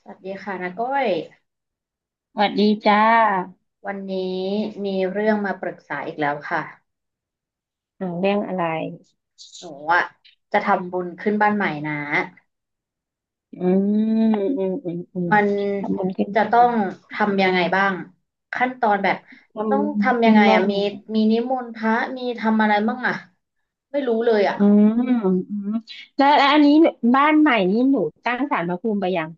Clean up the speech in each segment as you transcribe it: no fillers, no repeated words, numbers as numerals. สวัสดีค่ะนาก้อยสวัสดีจ้าวันนี้มีเรื่องมาปรึกษาอีกแล้วค่ะเรื่องอะไรหนูอะจะทำบุญขึ้นบ้านใหม่นะอืมอืมอืมอืมมันทำบุญขึ้นจะต้อบ้านงทำยังไงบ้างขั้นตอนแบบต้อทำงบุญทำยัขึ้งนไงบ้าอะนมีใหม่มีนิมนต์พระมีทำอะไรบ้างอะไม่รู้เลยอะอืมอืมแล้วอันนี้บ้านใหม่นี้หนูตั้งศาลพระภูมิไปยัง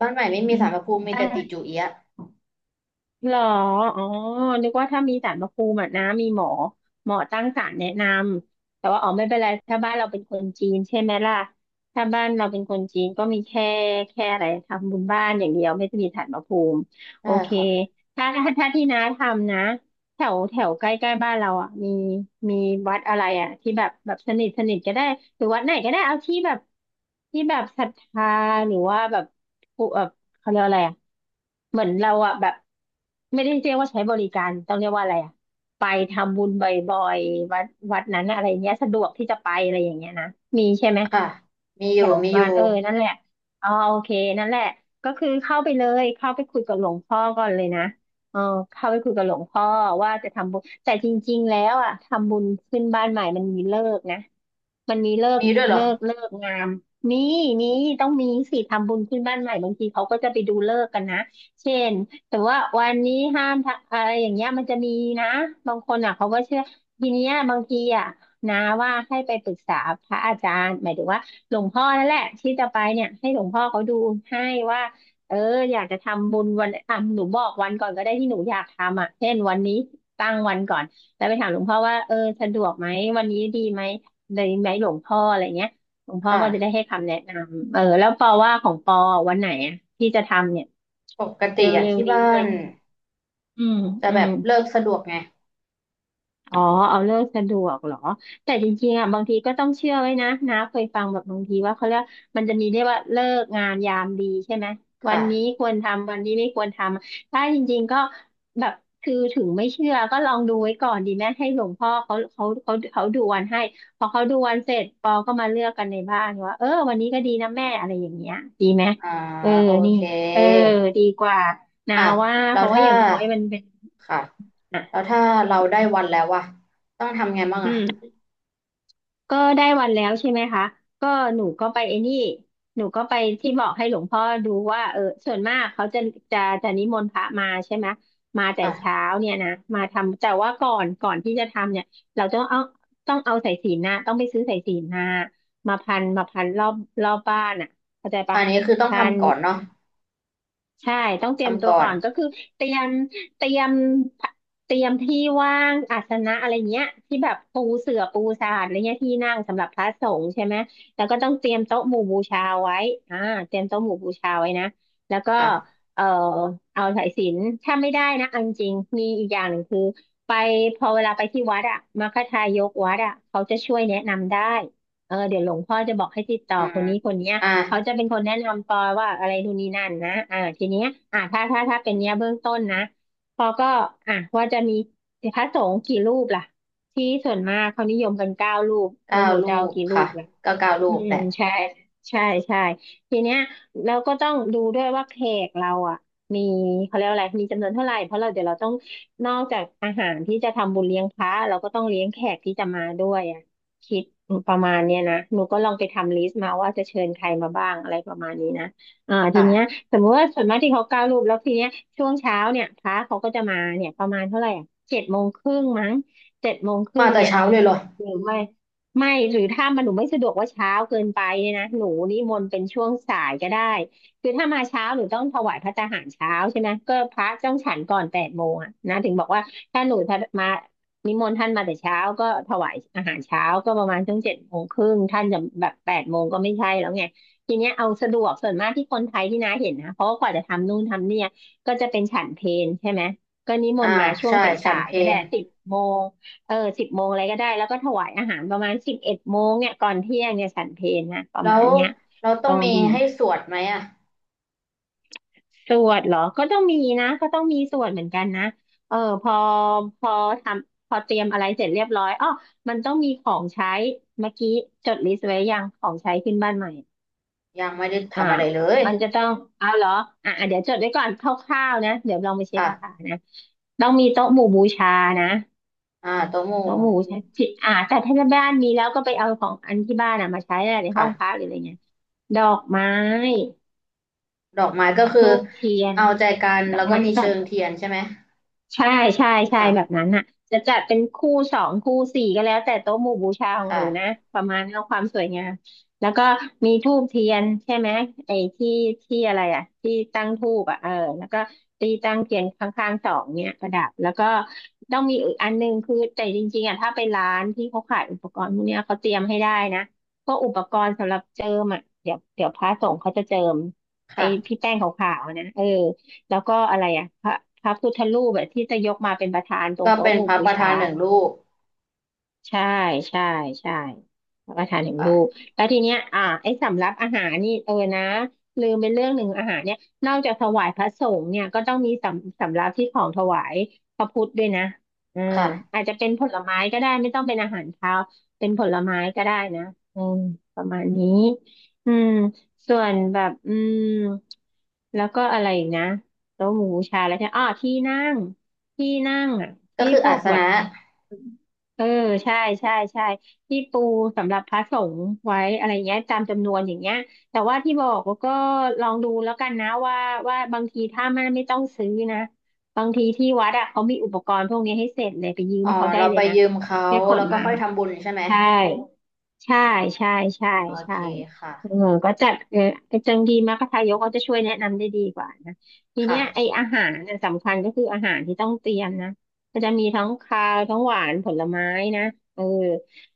บ้านใหม่ไม่มีอืม ศาลพระภูมิมีตั้แต่ติง จูเอียะหรออ๋อนึกว่าถ้ามีศาลพระภูมิอะนะมีหมอตั้งศาลแนะนำแต่ว่าอ๋อไม่เป็นไรถ้าบ้านเราเป็นคนจีนใช่ไหมล่ะถ้าบ้านเราเป็นคนจีนก็มีแค่อะไรทำบุญบ้านอย่างเดียวไม่ได้มีศาลพระภูมิโอได้เคค่ะถ้าที่น้าทำนะ แถวแถวใกล้ใกล้บ้านเราอ่ะมีวัดอะไรอ่ะที่แบบสนิทสนิทก็ได้หรือวัดไหนก็ได้เอาที่แบบศรัทธาหรือว่าแบบผู้แบบเขาเรียกอะไรอ่ะเหมือนเราอ่ะแบบไม่ได้เรียกว่าใช้บริการต้องเรียกว่าอะไรอ่ะไปทำบุญบ่อยๆวัดนั้นอะอะไรเงี้ยสะดวกที่จะไปอะไรอย่างเงี้ยนะมีใช่ไหม ค่ะมีอแถยู่วมีอบ้ายู่นเออนั่นแหละอ๋อโอเคนั่นแหละก็คือเข้าไปเลยเข้าไปคุยกับหลวงพ่อก่อนเลยนะเออเข้าไปคุยกับหลวงพ่อว่าจะทำบุญแต่จริงๆแล้วอ่ะทำบุญขึ้นบ้านใหม่มันมีเลิกนะมันมีเลิกมีด้วยเหรอเลิกเลิกงามมีมีต้องมีสิทำบุญขึ้นบ้านใหม่บางทีเขาก็จะไปดูเลิกษ์กันนะเช่นแต่ว่าวันนี้ห้ามทำอะไรอย่างเงี้ยมันจะมีนะบางคนอ่ะเขาก็เชื่อทีเนี้ยบางทีอ่ะนะว่าให้ไปปรึกษาพระอาจารย์หมายถึงว่า หลวงพ่อนั่นแหละที่จะไปเนี่ยให้หลวงพ่อเขาดูให้ว่าเอออยากจะทำบุญวันอ่ะหนูบอกวันก่อนก็ได้ที่หนูอยากทำอ่ะเช่นวันนี้ตั้งวันก่อนแล้วไปถามหลวงพ่อว่าเออสะดวกไหมวันนี้ดีไหมเลยไหมหลวงพ่ออะไรเงี้ยหลวงพ่อค่ะก็จะได้ให้คำแนะนำเออแล้วปอว่าของปอวันไหนอ่ะที่จะทำเนี่ยปกติเรอะ็วที่ๆนี้บ้าเลยนใช่ไหมอืมจะอืแบม บเลิกสะดวกไงอ๋อเอาเลิกสะดวกเหรอแต่จริงๆอ่ะบางทีก็ต้องเชื่อไว้นะนะเคยฟังแบบบางทีว่าเขาเรียกมันจะมีเรียกว่าเลิกงานยามดีใช่ไหมวันนี้ค่ะ ควรทำวันนี้ไม่ควรทำถ้าจริงๆก็แบบคือถึงไม่เชื่อก็ลองดูไว้ก่อนดีไหมให้หลวงพ่อเขาดูวันให้พอเขาดูวันเสร็จปอก็มาเลือกกันในบ้านว่าเออวันนี้ก็ดีนะแม่อะไรอย่างเงี้ยดีไหมอ่าเออโอนี่เคเออดีกว่านาอ่ะว่าแล้เพวราะว่าถ้าอย่างน้อยมันเป็นค่ะอ่ะแล้วถ้าเราได้วันแล้วอะต้องทำไงบ้างอือะม ก็ได้วันแล้วใช่ไหมคะก็หนูก็ไปไอ้นี่หนูก็ไปที่บอกให้หลวงพ่อดูว่าเออส่วนมากเขาจะนิมนต์พระมาใช่ไหมมาแต่เช้าค่ะเนี่ยนะมาทำแต่ว่าก่อนที่จะทำเนี่ยเราต้องเอาสายสิญจน์นะต้องไปซื้อสายสิญจน์มาพันรอบบ้านอ่ะเข้าใจปะอันนี้คือต้องพัน ทำก่อนเนาะใช่ต้องเตรียมทำตัวก่อก่นอนก็คือเตรียมเตรียมเตรียมที่ว่างอาสนะอะไรเงี้ยที่แบบปูเสื่อปูสาดอะไรเงี้ยที่นั่งสำหรับพระสงฆ์ใช่ไหมแล้วก็ต้องเตรียมโต๊ะหมู่บูชาไว้อ่าเตรียมโต๊ะหมู่บูชาไว้นะแล้วก็ค่ะเอ่อเอาสายสิญจน์ถ้าไม่ได้นะเอนจริงมีอีกอย่างหนึ่งคือไปพอเวลาไปที่วัดอะมัคคทายกวัดอะเขาจะช่วยแนะนำได้เออเดี๋ยวหลวงพ่อจะบอกให้ติดต่ออืคมนนี้คนเนี้ย อ่ะเขาจะเป็นคนแนะนำปอว่าอะไรนู่นนี่นั่นนะทีเนี้ยถ้าเป็นเนี้ยเบื้องต้นนะปอก็อ่ะว่าจะมีพระสงฆ์กี่รูปล่ะ ที่ส่วนมากเขานิยมกัน9 รูป แล้เก้าวหนูลูจะเอากกี่รูค่ะปล่ะ ก็เก้าลูอืกมแหละใช่ใช่ใช่ทีเนี้ยเราก็ต้องดูด้วยว่าแขกเราอ่ะมีเขาเรียกว่าอะไรมีจำนวนเท่าไหร่เพราะเราเดี๋ยวเราต้องนอกจากอาหารที่จะทำบุญเลี้ยงพระเราก็ต้องเลี้ยงแขกที่จะมาด้วยอ่ะคิดประมาณเนี้ยนะหนูก็ลองไปทำลิสต์มาว่าจะเชิญใครมาบ้างอะไรประมาณนี้นะทีเนี้ยค่ะสมมติว่าส่วนมากที่เขาก้าวรูปแล้วทีเนี้ยช่วงเช้าเนี่ยพระเขาก็จะมาเนี่ยประมาณเท่าไหร่อ่ะเจ็ดโมงครึ่งมั้งเจ็ดโมงครึ่มางแต่เนี่ย เช้าเลยเหรอหรือไม่ไม่หรือถ้ามันหนูไม่สะดวกว่าเช้าเกินไปเนี่ยนะหนูนิมนต์เป็นช่วงสายก็ได้คือถ้ามาเช้าหนูต้องถวายพระตาหารเช้าใช่ไหมก็พระต้องฉันก่อนแปดโมงอะนะถึงบอกว่าถ้ามานิมนต์ท่านมาแต่เช้าก็ถวายอาหารเช้าก็ประมาณช่วง7 โมงครึ่งท่านจะแบบแปดโมงก็ไม่ใช่แล้วไงทีเนี้ยเอาสะดวกส่วนมากที่คนไทยที่น้าเห็นนะเพราะว่ากว่าจะทำนู่นทำเนี่ยก็จะเป็นฉันเพลใช่ไหมก็นิมอ่านต์มาช่วงใช่สฉัานยเพลๆก็ได้สิบโมง เออ10 โมงอะไรก็ได้แล้วก็ถวายอาหารประมาณ11 โมงเนี่ยก่อนเที่ยงเนี่ยฉันเพลนะประแล้มาวณเนี้ยเราต้ลอองงมีดูให้สวดไหมอะสวดเหรอก็ต้องมีนะก็ต้องมีสวดเหมือนกันนะเออพอพอทำพอเตรียมอะไรเสร็จเรียบร้อยอ๋อมันต้องมีของใช้เมื่อกี้จดลิสต์ไว้ยังของใช้ขึ้นบ้านใหม่ยังไม่ได้อ่าทำอะไรเลยมันจะต้องเอาเหรออ่ะอ่ะเดี๋ยวจดไว้ก่อนคร่าวๆนะเดี๋ยวลองไปเช็คราคาค่ะนะต้องมีโต๊ะหมู่บูชานะ อ่าโตะหมู่แล้วหมูใช้ที่แต่ถ้าบ้านมีแล้วก็ไปเอาของอันที่บ้านอ่ะมาใช้อหละในห้องพัค่ะกหรืออะไรเงี้ยดอกไม้ดอกไม้ก็คืธูอปเทียน เอาใจกันดอแล้กวก็ไม้มีสเชิด งเทียนใช่ไหม ใช่ใช่ใช่แบบค่ะนั้นน่ะจะจัดเป็นคู่สองคู่สี่ก็แล้วแต่โต๊ะหมู่บูชาของหนูนะค่ะประมาณเอาความสวยงามแล้วก็มีธูปเทียนใช่ไหมไอ้ที่ที่อะไรที่ตั้งธูปอ่ะเออแล้วก็ตีตั้งเทียนข้างๆสองเนี่ยประดับแล้วก็ต้องมีอีกอันหนึงคือแต่จริงๆอ่ะถ้าไปร้านที่เขาขายอุปกรณ์พวกเนี้ยเขาเตรียมให้ได้นะพวกอุปกรณ์สำหรับเจิมอ่ะเดี๋ยวพระสงฆ์เขาจะเจิมไอ้ค่ะพี่แป้งขาวๆนะเออ แล้วก็อะไรอ่ะพระพุทธรูปแบบที่จะยกมาเป็นประธานตรงก็โต๊ะเป็นหมู่พระบูประชา ธาน1 รูปใช่ใช่ใช่รับประทานถึงลูกค่ะแล้วทีเนี้ยไอ้สำรับอาหารนี่เออนะลืมไปเรื่องหนึ่งอาหารเนี่ยนอกจากถวายพระสงฆ์เนี่ยก็ต้องมีสำรับที่ของถวายพระพุทธด้วยนะอืคมอา่ะจจะเป็นผลไม้ก็ได้ไม่ต้องเป็นอาหารคาวเป็นผลไม้ก็ได้นะอืมประมาณนี้อืมส่วนแบบอืมแล้วก็อะไรอีกนะโต๊ะหมู่บูชาแล้วใช่อ๋อที่นั่งที่นั่งอ่ะก็ที่คือพอาวกสแบนะบ เออใช่ใช่ใช่ที่ปูสำหรับพระสงฆ์ไว้อะไรเงี้ยตามจำนวนอย่างเงี้ยแต่ว่าที่บอกว่าก็ลองดูแล้วกันนะว่าบางทีถ้ามันไม่ต้องซื้อนะบางทีที่วัดอะเขามีอุปกรณ์พวกนี้ให้เสร็จเลยไปยือ๋มอเขาได้เราเลไปยนะยืมเขาแค่ขแล้นวก็มา ค่อยทำบุญใช่ไหมใช่ ใช่ใช่ใช่โอใช่เคค่ะเออก็จะเออไอ้จังดีมากทายกก็จะช่วยแนะนำได้ดีกว่านะทีเนี้ค่ะยไอ้อาหารน่ะสำคัญก็คืออาหารที่ต้องเตรียมนะก็จะมีทั้งคาวทั้งหวานผลไม้นะเออ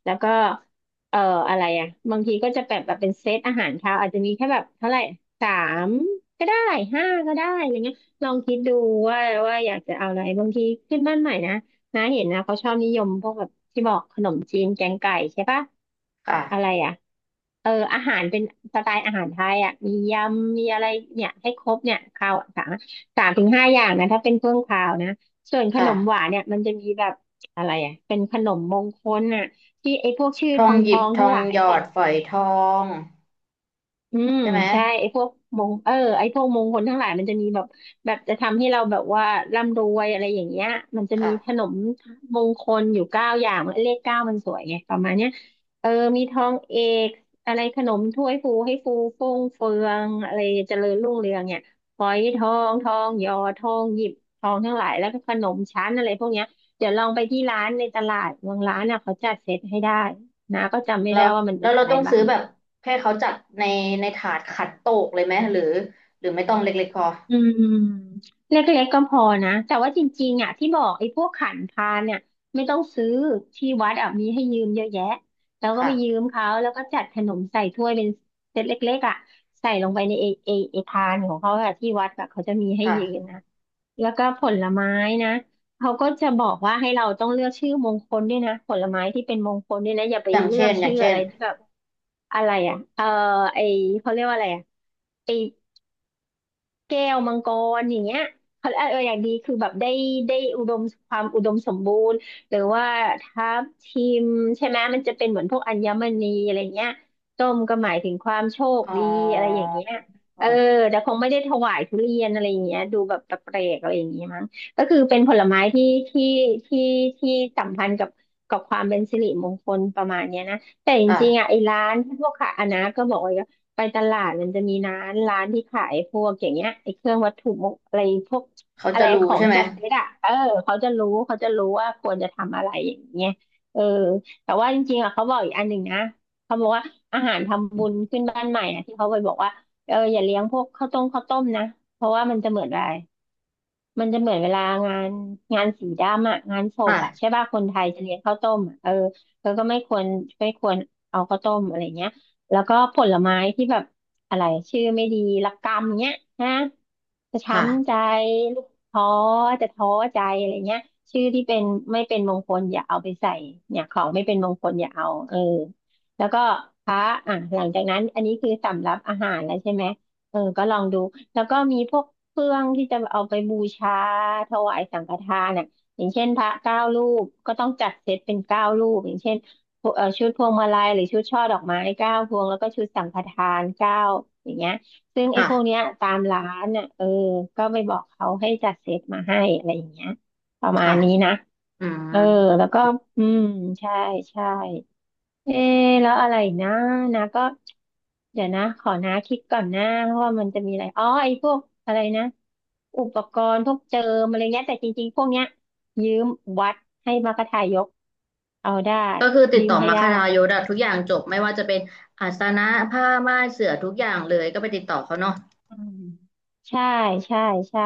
แล้วก็เอ่ออะไรอ่ะบางทีก็จะแบบเป็นเซตอาหารคาวอาจจะมีแค่แบบเท่าไหร่สามก็ได้ห้าก็ได้อะไรเงี้ยลองคิดดูว่าว่าอยากจะเอาอะไรบางทีขึ้นบ้านใหม่นะ น้าเห็นนะเขาชอบนิยมพวกแบบที่บอกขนมจีนแกงไก่ใช่ปะอะค่ะไรอ่ะเอออาหารเป็นสไตล์อาหารไทยอ่ะมียำมีอะไรเนี่ยให้ครบเนี่ยข้าว3 ถึง 5อย่างนะถ้าเป็นเครื่องคาวนะส่วนขนมหวาค่ะ นเนี่ยมันจะมีแบบอะไรอ่ะเป็นขนมมงคลน่ะที่ไอ้พวกชื่อททององหทยิอบงททั้องหงลายหยแหอละ ดฝอยทองอืมใช่ไหมใช่ไอ้พวกมงเออไอ้พวกมงคลทั้งหลายมันจะมีแบบแบบจะทำให้เราแบบว่าร่ำรวยอะไรอย่างเงี้ยมันจะมีขค่ะนมมงคลอยู่9 อย่างเลขเก้ามันสวยไงประมาณเนี้ยเออมีทองเอกอะไรขนมถ้วยฟูให้ฟูฟ่งเฟืองอะไรเจริญรุ่งเรืองเนี่ยฝอยทองทองหยอทองหยิบทองทั้งหลายแล้วก็ขนมชั้นอะไรพวกเนี้ยเดี๋ยวลองไปที่ร้านในตลาดบางร้านน่ะเขาจัดเซตให้ได้นะก็จำไม่แล้ได้วว่ามันแล้มีวเราอะไรต้องบ้าซื้อง แบบให้เขาจัดในในถาดขัดโตกเลยไหมหรือหรือไม่ต้องเล็กๆพออืมเล็กๆก็พอนะแต่ว่าจริงๆอ่ะที่บอกไอ้พวกขันพาเนี่ยไม่ต้องซื้อที่วัดอ่ะมีให้ยืมเยอะแยะแล้วก็ไปยืค่ะมเขาแล้วก็จัดขนมใส่ถ้วยเป็นเซตเล็กๆอ่ะใส่ลงไปในไอ้พานของเขาอ่ะที่วัดแบบเขาจะมีให้ยืมค่ะนะแล้วก็ผลไม้นะเขาก็จะบอกว่าให้เราต้องเลือกชื่อมงคลด้วยนะผลไม้ที่เป็นมงคลด้วยนะอย่าไปอย่างเลือเช่กนอย่าชื่งอเช่อะนไรที่แบบอะไรอ่ะเออไอเขาเรียกว่าอะไรอ่ะ แก้วมังกรอย่างเงี้ยเขาเอออย่างดีคือแบบได้ได้อุดมความอุดมสมบูรณ์หรือว่าทับทิมใช่ไหมมันจะเป็นเหมือนพวกอัญมณีอะไรเงี้ยส้มก็หมายถึงความโชคอ๋อดีอะไรอย่างเงี้ยเออแต่คงไม่ได้ถวายทุเรียนอะไรอย่างเงี้ยดูแบบแปลกๆอะไรอย่างเงี้ยมั้งก็คือเป็นผลไม้ที่ที่สัมพันธ์กับกับความเป็นสิริมงคลประมาณเนี้ยนะแต่จริงๆค่ะอ่ะไอ้ร้านพวกขายอันนะก็บอกว่า ไปตลาดมันจะมีร้านที่ขายพวกอย่างเงี้ยไอ้เครื่องวัตถุมงอะไรพวกเขาอะจะไรรู้ของใช่ไหมจัดเซตอ่ะเออเขาจะรู้ว่าควรจะทำอะไรอย่างเงี้ยเออแต่ว่าจริงๆอ่ะเขาบอกอีกอันหนึ่งนะเขาบอกว่าอาหารทำบุญขึ้นบ้านใหม่อ่ะที่เขาไปบอกว่าเอออย่าเลี้ยงพวกข้าวต้มนะเพราะว่ามันจะเหมือนอะไร มันจะเหมือนเวลางานงานสีดำอะงานศพอะใช่ค่ะป่ะคนไทยจะเลี้ยงข้าวต้มอะเออแล้วก็ไม่ควรเอาข้าวต้มอะไรเงี้ยแล้วก็ผลไม้ที่แบบอะไรชื่อไม่ดีละกำเงี้ยนะจะช้ำใจค่ะ ลูกท้อจะท้อใจอะไรเงี้ยชื่อที่เป็นไม่เป็นมงคลอย่าเอาไปใส่เนี่ยของไม่เป็นมงคลอย่าเอาเออแล้วก็พระอ่ะหลังจากนั้นอันนี้คือสำรับอาหารแล้วใช่ไหมเออก็ลองดู แล้วก็มีพวกเครื่องที่จะเอาไปบูชาถวายสังฆทานอ่ะอย่างเช่นพระเก้ารูปก็ต้องจัดเซตเป็นเก้ารูปอย่างเช่นชุดพวงมาลัยหรือชุดช่อดอกไม้เก้าพวงแล้วก็ชุดสังฆทานเก้าอย่างเงี้ยซึ่งไอ้พวกเนี้ค่ะยตามร้านอ่ะเออก็ไปบอกเขาให้จัดเซตมาให้อะไรอย่างเงี้ยประมาค่ะ ณนี้นะอืมเออแล้วก็อืมใช่ใช่ เอ๊ะแล้วอะไรอีกนะนะก็เดี๋ยวนะขอนะคิดก่อนนะเพราะว่ามันจะมีอะไรอ๋อไอ้พวกอะไรนะอุปกรณ์พวกเจิมอะไรเงี้ยแต่จริงๆพวกเนี้ยยืมวัดให้มากระทายกเอาได้ก็คือติดยืมต่อให้มาคได้ทายศอะทุกอย่างจบไม่ว่าจะเป็นอาสนะผ้าม่านเสื่อทุกอย่างเลยก็ไปติดต่อเขาเนาะอืมใช่ใช่ใช่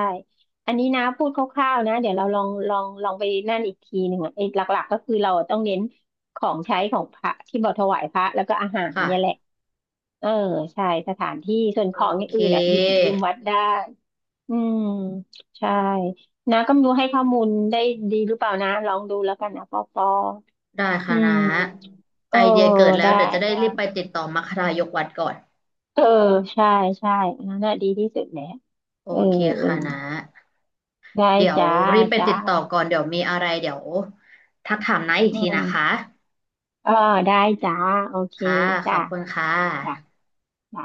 อันนี้นะพูดคร่าวๆนะเดี๋ยวเราลองไปนั่นอีกทีหนึ่งอ่ะไอ้หลักๆก็คือเราต้องเน้นของใช้ของพระที่เราถวายพระแล้วก็อาหารเนี่ยแหละ ค่ะเออใช่สถานที่ส่วนโอของอย่างเคอื่นอ่ะหยิบยืมวัดได้อืมใช่นะก็ไม่รู้ให้ข้อมูลได้ดีหรือเปล่านะลองดูแล้วกันนะปอปอได้อืค่ะนะมเออไอเดียเกิดแล้วได้เดี๋ยวจะได้ได้รีบไปติดต่อมัคคทายกวัดก่อนเออใช่ใช่อันนั่นน่ะดีที่สุดแหละโอเออเคเออค่ะนะได้เดี๋ยวจ้ารีบไปจ้าติดต่อก่อนเดี๋ยวมีอะไรเดี๋ยวทักถามนะอีกอืทีนะคะมเออได้จ้าโอเคค่ะขจ้าอบคุณค่จ้าะจ้า